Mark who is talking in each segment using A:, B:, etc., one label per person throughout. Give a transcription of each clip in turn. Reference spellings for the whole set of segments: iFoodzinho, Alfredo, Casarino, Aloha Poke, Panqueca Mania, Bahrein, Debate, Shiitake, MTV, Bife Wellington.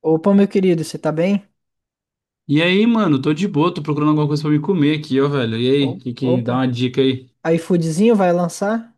A: Opa, meu querido, você tá bem?
B: E aí, mano, tô de boa, tô procurando alguma coisa pra me comer aqui, ó, velho. E aí, que dá
A: Opa,
B: uma dica aí?
A: iFoodzinho vai lançar?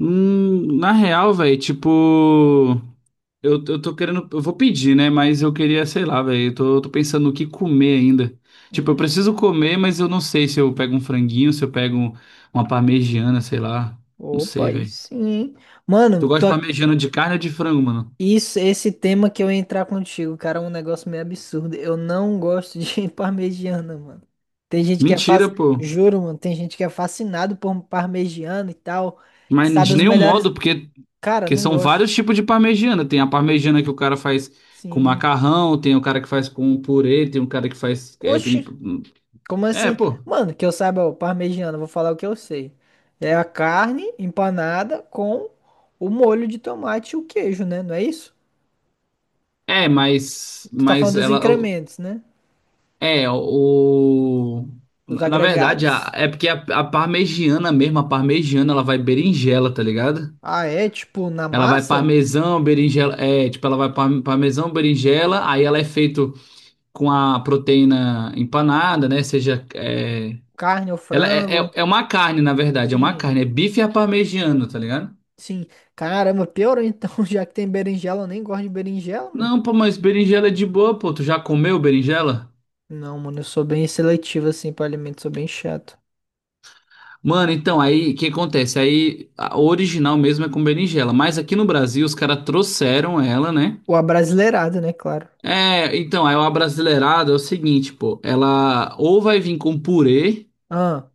B: Na real, velho, tipo, eu tô querendo, eu vou pedir, né? Mas eu queria, sei lá, velho, eu tô pensando no que comer ainda. Tipo, eu preciso
A: Hum,
B: comer, mas eu não sei se eu pego um franguinho, se eu pego um- uma parmegiana, sei lá. Não
A: opa,
B: sei,
A: aí
B: velho.
A: sim. Hein?
B: Tu
A: Mano,
B: gosta
A: tô...
B: de parmegiana de carne ou de frango, mano?
A: isso, esse tema que eu ia entrar contigo, cara, é um negócio meio absurdo. Eu não gosto de parmegiana, mano. Tem gente que é
B: Mentira,
A: fácil,
B: pô.
A: juro, mano, tem gente que é fascinado por parmegiana e tal.
B: Mas
A: Sabe
B: de
A: os
B: nenhum
A: melhores.
B: modo, porque,
A: Cara,
B: porque
A: não
B: são
A: gosto.
B: vários tipos de parmegiana. Tem a parmegiana que o cara faz com
A: Sim.
B: macarrão, tem o cara que faz com purê, tem o cara que faz. É, bem-
A: Oxi. Como
B: é,
A: assim?
B: pô.
A: Mano, que eu saiba, o parmegiana, vou falar o que eu sei. É a carne empanada com o molho de tomate e o queijo, né? Não é isso?
B: É,
A: Tu tá
B: mas
A: falando dos
B: ela.
A: incrementos, né?
B: É, o.
A: Os
B: Na verdade,
A: agregados.
B: é porque a parmegiana mesmo, a parmegiana, ela vai berinjela, tá ligado?
A: Ah, é? Tipo, na
B: Ela vai
A: massa?
B: parmesão, berinjela. É, tipo, parmesão, berinjela, aí ela é feito com a proteína empanada, né?
A: Carne ou frango?
B: É uma carne, na verdade, é uma
A: Sim,
B: carne, é bife à parmegiana, tá ligado?
A: sim. Caramba, piorou então, já que tem berinjela, eu nem gosto de berinjela, mano.
B: Não, pô, mas berinjela é de boa, pô, tu já comeu berinjela?
A: Não, mano, eu sou bem seletivo assim pra alimentos, sou bem chato.
B: Mano, então, aí, o que acontece? Aí, a original mesmo é com berinjela, mas aqui no Brasil os caras trouxeram ela, né?
A: Ou abrasileirado, né? Claro.
B: É, então, aí o abrasileirado é o seguinte, pô, ela ou vai vir com purê,
A: Ah,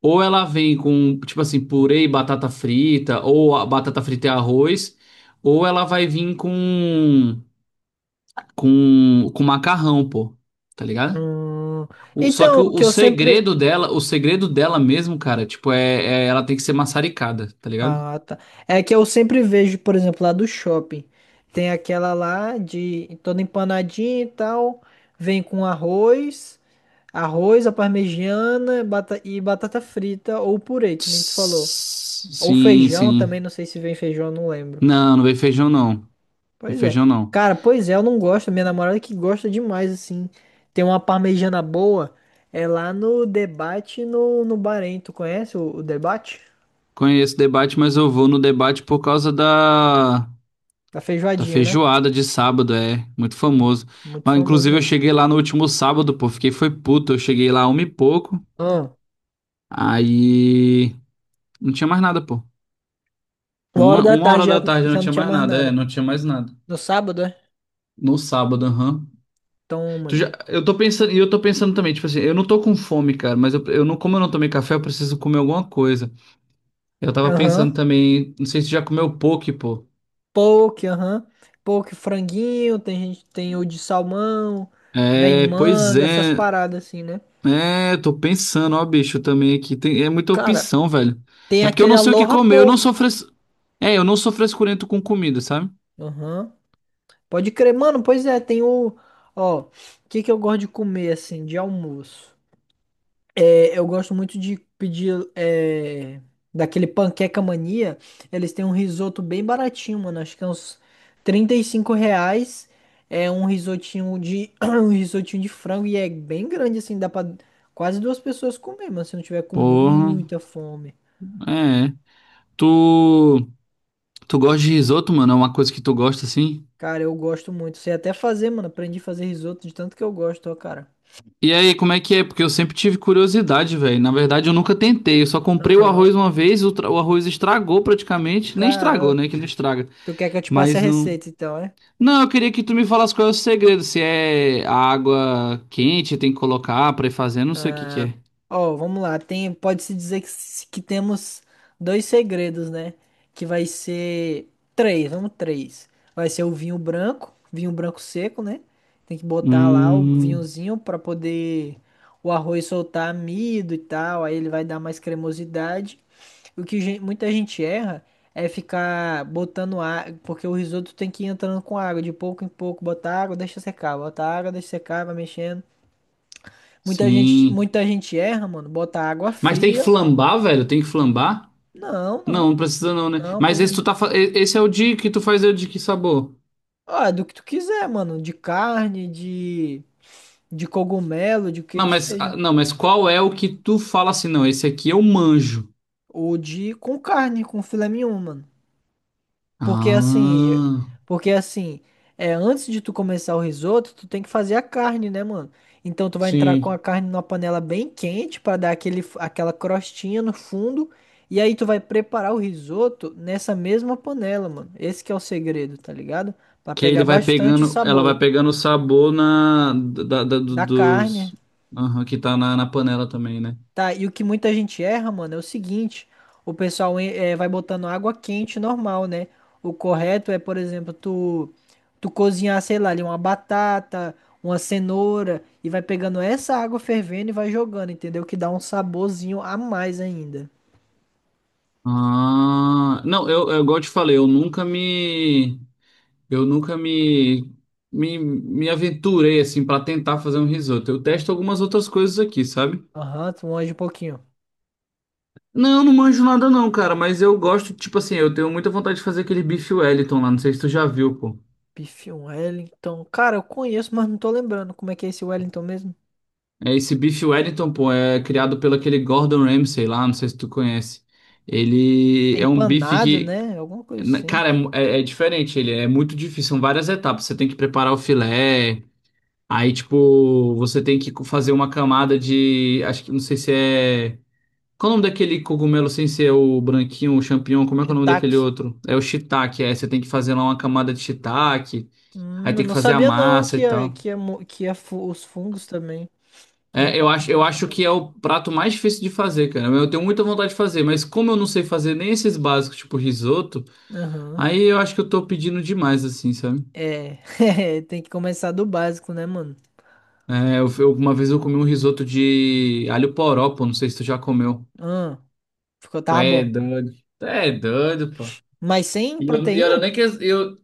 B: ou ela vem com, tipo assim, purê e batata frita, ou a batata frita e arroz, ou ela vai vir com com macarrão, pô. Tá ligado?
A: hum.
B: Só que
A: Então,
B: o,
A: o
B: o
A: que eu sempre.
B: segredo dela, o segredo dela mesmo, cara, tipo, ela tem que ser maçaricada, tá ligado?
A: Ah, tá. É que eu sempre vejo, por exemplo, lá do shopping. Tem aquela lá de toda empanadinha e tal. Vem com arroz, arroz, a parmegiana e batata frita ou purê, que nem tu falou.
B: Tss,
A: Ou
B: Sim,
A: feijão
B: sim.
A: também, não sei se vem feijão, não lembro.
B: Não, não vem feijão, não. Vem
A: Pois é.
B: feijão, não.
A: Cara, pois é, eu não gosto. Minha namorada que gosta demais, assim. Tem uma parmegiana boa. É lá no Debate no Bahrein. Tu conhece o Debate?
B: Conheço o debate, mas eu vou no debate por causa da,
A: Da
B: da
A: feijoadinha, né?
B: feijoada de sábado, é. Muito
A: Hum,
B: famoso.
A: muito
B: Mas,
A: famoso
B: inclusive, eu
A: mesmo.
B: cheguei lá no último sábado, pô. Fiquei foi puto. Eu cheguei lá uma e pouco.
A: Ah,
B: Aí. Não tinha mais nada, pô.
A: uma hora
B: Uma,
A: da
B: uma
A: tarde
B: hora
A: já,
B: da tarde não
A: já não
B: tinha
A: tinha
B: mais
A: mais
B: nada, é,
A: nada.
B: não tinha mais nada.
A: No sábado, é?
B: No sábado, aham.
A: Toma
B: Tu já,
A: ali.
B: eu tô pensando, e eu tô pensando também, tipo assim, eu não tô com fome, cara, mas eu não, como eu não tomei café, eu preciso comer alguma coisa. Eu tava
A: Aham.
B: pensando também, não sei se tu já comeu poke, pô.
A: Poke, aham. Poke, franguinho, tem gente, tem o de salmão, vem
B: É, pois
A: manga, essas
B: é.
A: paradas assim, né?
B: É, eu tô pensando, ó, bicho, também aqui. Tem, é muita
A: Cara,
B: opção, velho.
A: tem
B: É porque eu
A: aquele
B: não sei o que
A: Aloha
B: comer, eu não
A: Poke.
B: sou fres... é, eu não sou frescurento com comida, sabe?
A: Aham. Pode crer, mano, pois é, tem o. Ó, o que que eu gosto de comer assim, de almoço? Eu gosto muito de pedir daquele Panqueca Mania. Eles têm um risoto bem baratinho, mano. Acho que é uns R$ 35. É um risotinho de um risotinho de frango e é bem grande assim, dá pra quase duas pessoas comer, mano, se não tiver com
B: Porra,
A: muita fome.
B: é. Tu, tu gosta de risoto, mano? É uma coisa que tu gosta, assim?
A: Cara, eu gosto muito. Sei até fazer, mano. Aprendi a fazer risoto de tanto que eu gosto, ó, cara.
B: E aí, como é que é? Porque eu sempre tive curiosidade, velho. Na verdade, eu nunca tentei. Eu só comprei o
A: Aham.
B: arroz uma vez, o arroz estragou praticamente. Nem estragou,
A: Cara,
B: né? Que não estraga.
A: tu quer que eu te passe a
B: Mas não.
A: receita então, é?
B: Não, eu queria que tu me falasse qual é o segredo. Se é a água quente, tem que colocar pra ir fazendo, não sei o que que
A: Ah,
B: é.
A: ó, vamos lá. Tem, pode-se dizer que temos dois segredos, né? Que vai ser três, vamos três. Vai ser o vinho branco seco, né? Tem que botar lá o
B: Hum,
A: vinhozinho para poder o arroz soltar amido e tal. Aí ele vai dar mais cremosidade. Muita gente erra é ficar botando água, porque o risoto tem que ir entrando com água, de pouco em pouco, botar água, deixa secar, botar água, deixa secar, vai mexendo.
B: sim.
A: Muita gente erra, mano. Botar água
B: Mas tem que
A: fria.
B: flambar, velho? Tem que flambar?
A: Não,
B: Não,
A: não,
B: não precisa não, né?
A: não, por
B: Mas esse
A: exemplo.
B: tu tá, fa- e- esse é o de que sabor?
A: Ah, é do que tu quiser, mano. De carne, de cogumelo, de o que
B: Não,
A: que
B: mas
A: seja.
B: ah, não, mas qual é o que tu fala assim, não, esse aqui eu manjo.
A: Ou de com carne, com filé mignon, mano. Porque assim,
B: Ah,
A: porque assim, é, antes de tu começar o risoto, tu tem que fazer a carne, né, mano? Então tu vai entrar com a
B: sim.
A: carne numa panela bem quente pra dar aquela crostinha no fundo, e aí tu vai preparar o risoto nessa mesma panela, mano. Esse que é o segredo, tá ligado? Pra
B: Que
A: pegar
B: ele vai
A: bastante o
B: pegando, ela
A: sabor
B: vai pegando o sabor na da, da- do-
A: da carne.
B: dos aham, que tá na panela também, né?
A: Tá, e o que muita gente erra, mano, é o seguinte: o pessoal vai botando água quente normal, né? O correto é, por exemplo, tu cozinhar, sei lá, ali uma batata, uma cenoura, e vai pegando essa água fervendo e vai jogando, entendeu? Que dá um saborzinho a mais ainda.
B: Ah, não, eu igual eu te falei, eu nunca me me, me aventurei assim pra tentar fazer um risoto. Eu testo algumas outras coisas aqui, sabe?
A: Aham, tu manja um pouquinho.
B: Não, não manjo nada não, cara, mas eu gosto, tipo assim, eu tenho muita vontade de fazer aquele bife Wellington lá, não sei se tu já viu, pô.
A: Bife um Wellington. Cara, eu conheço, mas não tô lembrando como é que é esse Wellington mesmo.
B: É, esse Beef Wellington, pô, é criado pelo aquele Gordon Ramsay lá, não sei se tu conhece. Ele
A: É
B: é um bife
A: empanado,
B: que,
A: né? Alguma coisa
B: na-
A: assim.
B: cara, é diferente, ele é muito difícil, são várias etapas. Você tem que preparar o filé, aí, tipo, você tem que co- fazer uma camada de, acho que, não sei se é... Qual o nome daquele cogumelo sem ser o branquinho, o champignon, como é que é o nome daquele
A: Shiitake.
B: outro? É o shiitake, aí você tem que fazer lá uma camada de shiitake, aí
A: Eu
B: tem que
A: não
B: fazer a
A: sabia não
B: massa
A: que
B: e
A: ia,
B: tal.
A: que ia, mo- que ia fu- os fungos também. Não tá, não
B: Eu
A: tava
B: acho
A: sabendo.
B: que é o prato mais difícil de fazer, cara. Eu tenho muita vontade de fazer, mas como eu não sei fazer nem esses básicos, tipo risoto,
A: Aham.
B: aí eu acho que eu tô pedindo demais, assim, sabe?
A: É. É, tem que começar do básico, né, mano?
B: Uma vez eu comi um risoto de alho poró, pô, não sei se tu já comeu.
A: Ah, ficou,
B: Tu
A: tá
B: é
A: bom.
B: doido. Tu é doido, pô.
A: Mas sem
B: E eu
A: proteína?
B: nem que eu,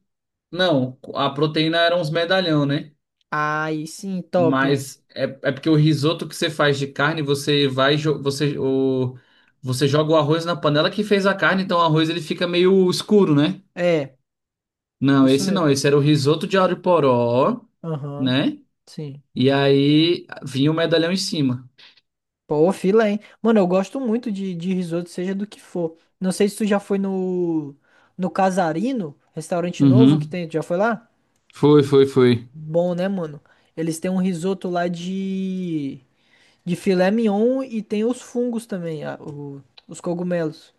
B: não, a proteína era uns medalhão, né?
A: Aí sim, top.
B: Mas é, é porque o risoto que você faz de carne, você vai, jo- você, o, você joga o arroz na panela que fez a carne, então o arroz ele fica meio escuro, né?
A: É,
B: Não,
A: isso
B: esse
A: mesmo.
B: não, esse era o risoto de alho-poró,
A: Aham,
B: né?
A: sim.
B: E aí vinha o medalhão em cima.
A: Pô, fila, hein? Mano, eu gosto muito de risoto, seja do que for. Não sei se tu já foi no Casarino, restaurante novo que
B: Uhum.
A: tem. Tu já foi lá?
B: Foi.
A: Bom, né, mano? Eles têm um risoto lá de. De filé mignon e tem os fungos também, os cogumelos.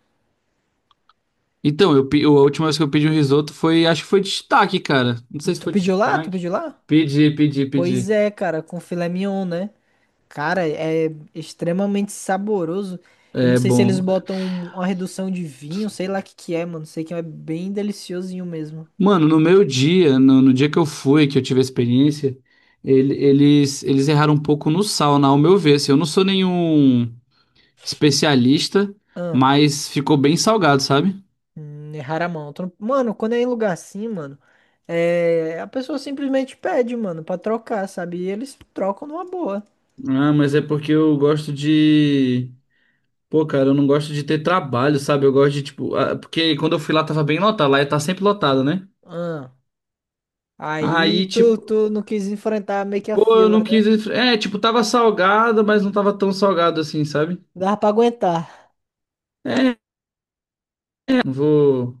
B: A última vez que eu pedi um risoto foi, acho que foi de shiitake, cara. Não sei se
A: Tu
B: foi de
A: pediu lá? Tu
B: shiitake.
A: pediu lá?
B: Pedi, pedi,
A: Pois
B: pedi.
A: é, cara, com filé mignon, né? Cara, é extremamente saboroso. Eu não
B: É
A: sei se eles
B: bom.
A: botam uma redução de vinho, sei lá o que que é, mano. Sei que é bem deliciosinho mesmo.
B: Mano, no meu dia, no, no dia que eu fui, que eu tive a experiência, eles erraram um pouco no sal, na, ao meu ver. Assim, eu não sou nenhum especialista,
A: Ah,
B: mas ficou bem salgado, sabe?
A: errar a Tu não- Mano, quando é em lugar assim, mano, é... a pessoa simplesmente pede, mano, pra trocar, sabe? E eles trocam numa boa.
B: Ah, mas é porque eu gosto de. Pô, cara, eu não gosto de ter trabalho, sabe? Eu gosto de, tipo. Ah, Porque quando eu fui lá tava bem lotado, lá tá sempre lotado, né?
A: Ah. Aí
B: Aí,
A: tu,
B: tipo,
A: tu não quis enfrentar meio que a
B: pô, eu
A: fila,
B: não
A: né?
B: quis. É, tipo, tava salgado, mas não tava tão salgado assim, sabe?
A: Dava pra aguentar.
B: É, não vou.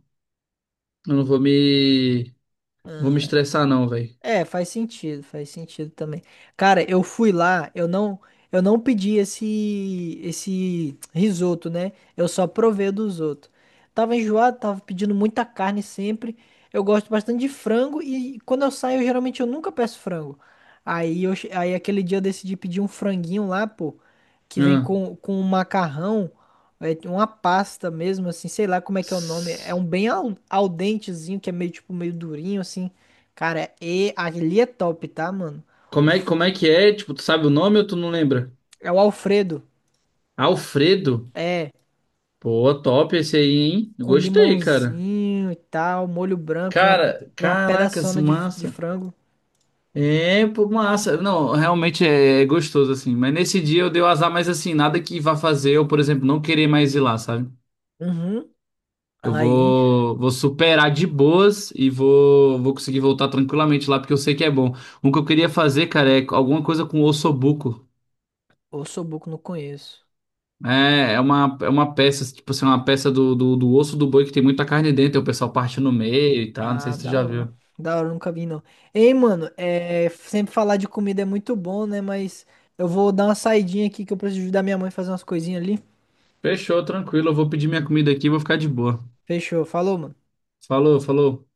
B: Eu não vou me. Vou me
A: Ah,
B: estressar não, velho.
A: é, faz sentido também. Cara, eu fui lá, eu não pedi esse, esse risoto, né? Eu só provei o dos outros. Tava enjoado, tava pedindo muita carne sempre. Eu gosto bastante de frango e quando eu saio, geralmente eu nunca peço frango. Aí, aquele dia eu decidi pedir um franguinho lá, pô, que vem
B: Ah,
A: com um macarrão, é, uma pasta mesmo, assim, sei lá como é que é o nome. É
B: tss.
A: um bem al dentezinho, que é meio tipo meio durinho, assim. Cara, é, e ali é top, tá, mano? O f-
B: Como é que é? Tipo, tu sabe o nome ou tu não lembra?
A: É o Alfredo.
B: Alfredo?
A: É,
B: Pô, top esse aí, hein?
A: com
B: Gostei, cara.
A: limãozinho e tal, molho branco,
B: Cara,
A: vem uma
B: caracas,
A: pedaçona de
B: massa.
A: frango.
B: É, pô, massa. Não, realmente é gostoso, assim. Mas nesse dia eu dei o azar, mas assim, nada que vá fazer eu, por exemplo, não querer mais ir lá, sabe?
A: Uhum.
B: Eu
A: Aí,
B: vou, vou superar de boas e vou conseguir voltar tranquilamente lá, porque eu sei que é bom. Um que eu queria fazer, cara, é alguma coisa com ossobuco.
A: o Sobuco não conheço.
B: É uma peça, tipo assim, uma peça do osso do boi que tem muita carne dentro, aí o pessoal parte no meio e tal, não sei
A: Ah,
B: se tu
A: da
B: já viu.
A: hora. Da hora, nunca vi, não. Ei, mano, é, sempre falar de comida é muito bom, né? Mas eu vou dar uma saidinha aqui que eu preciso ajudar minha mãe a fazer umas coisinhas ali.
B: Fechou, tranquilo, eu vou pedir minha comida aqui e vou ficar de boa.
A: Fechou, falou, mano.
B: Falou.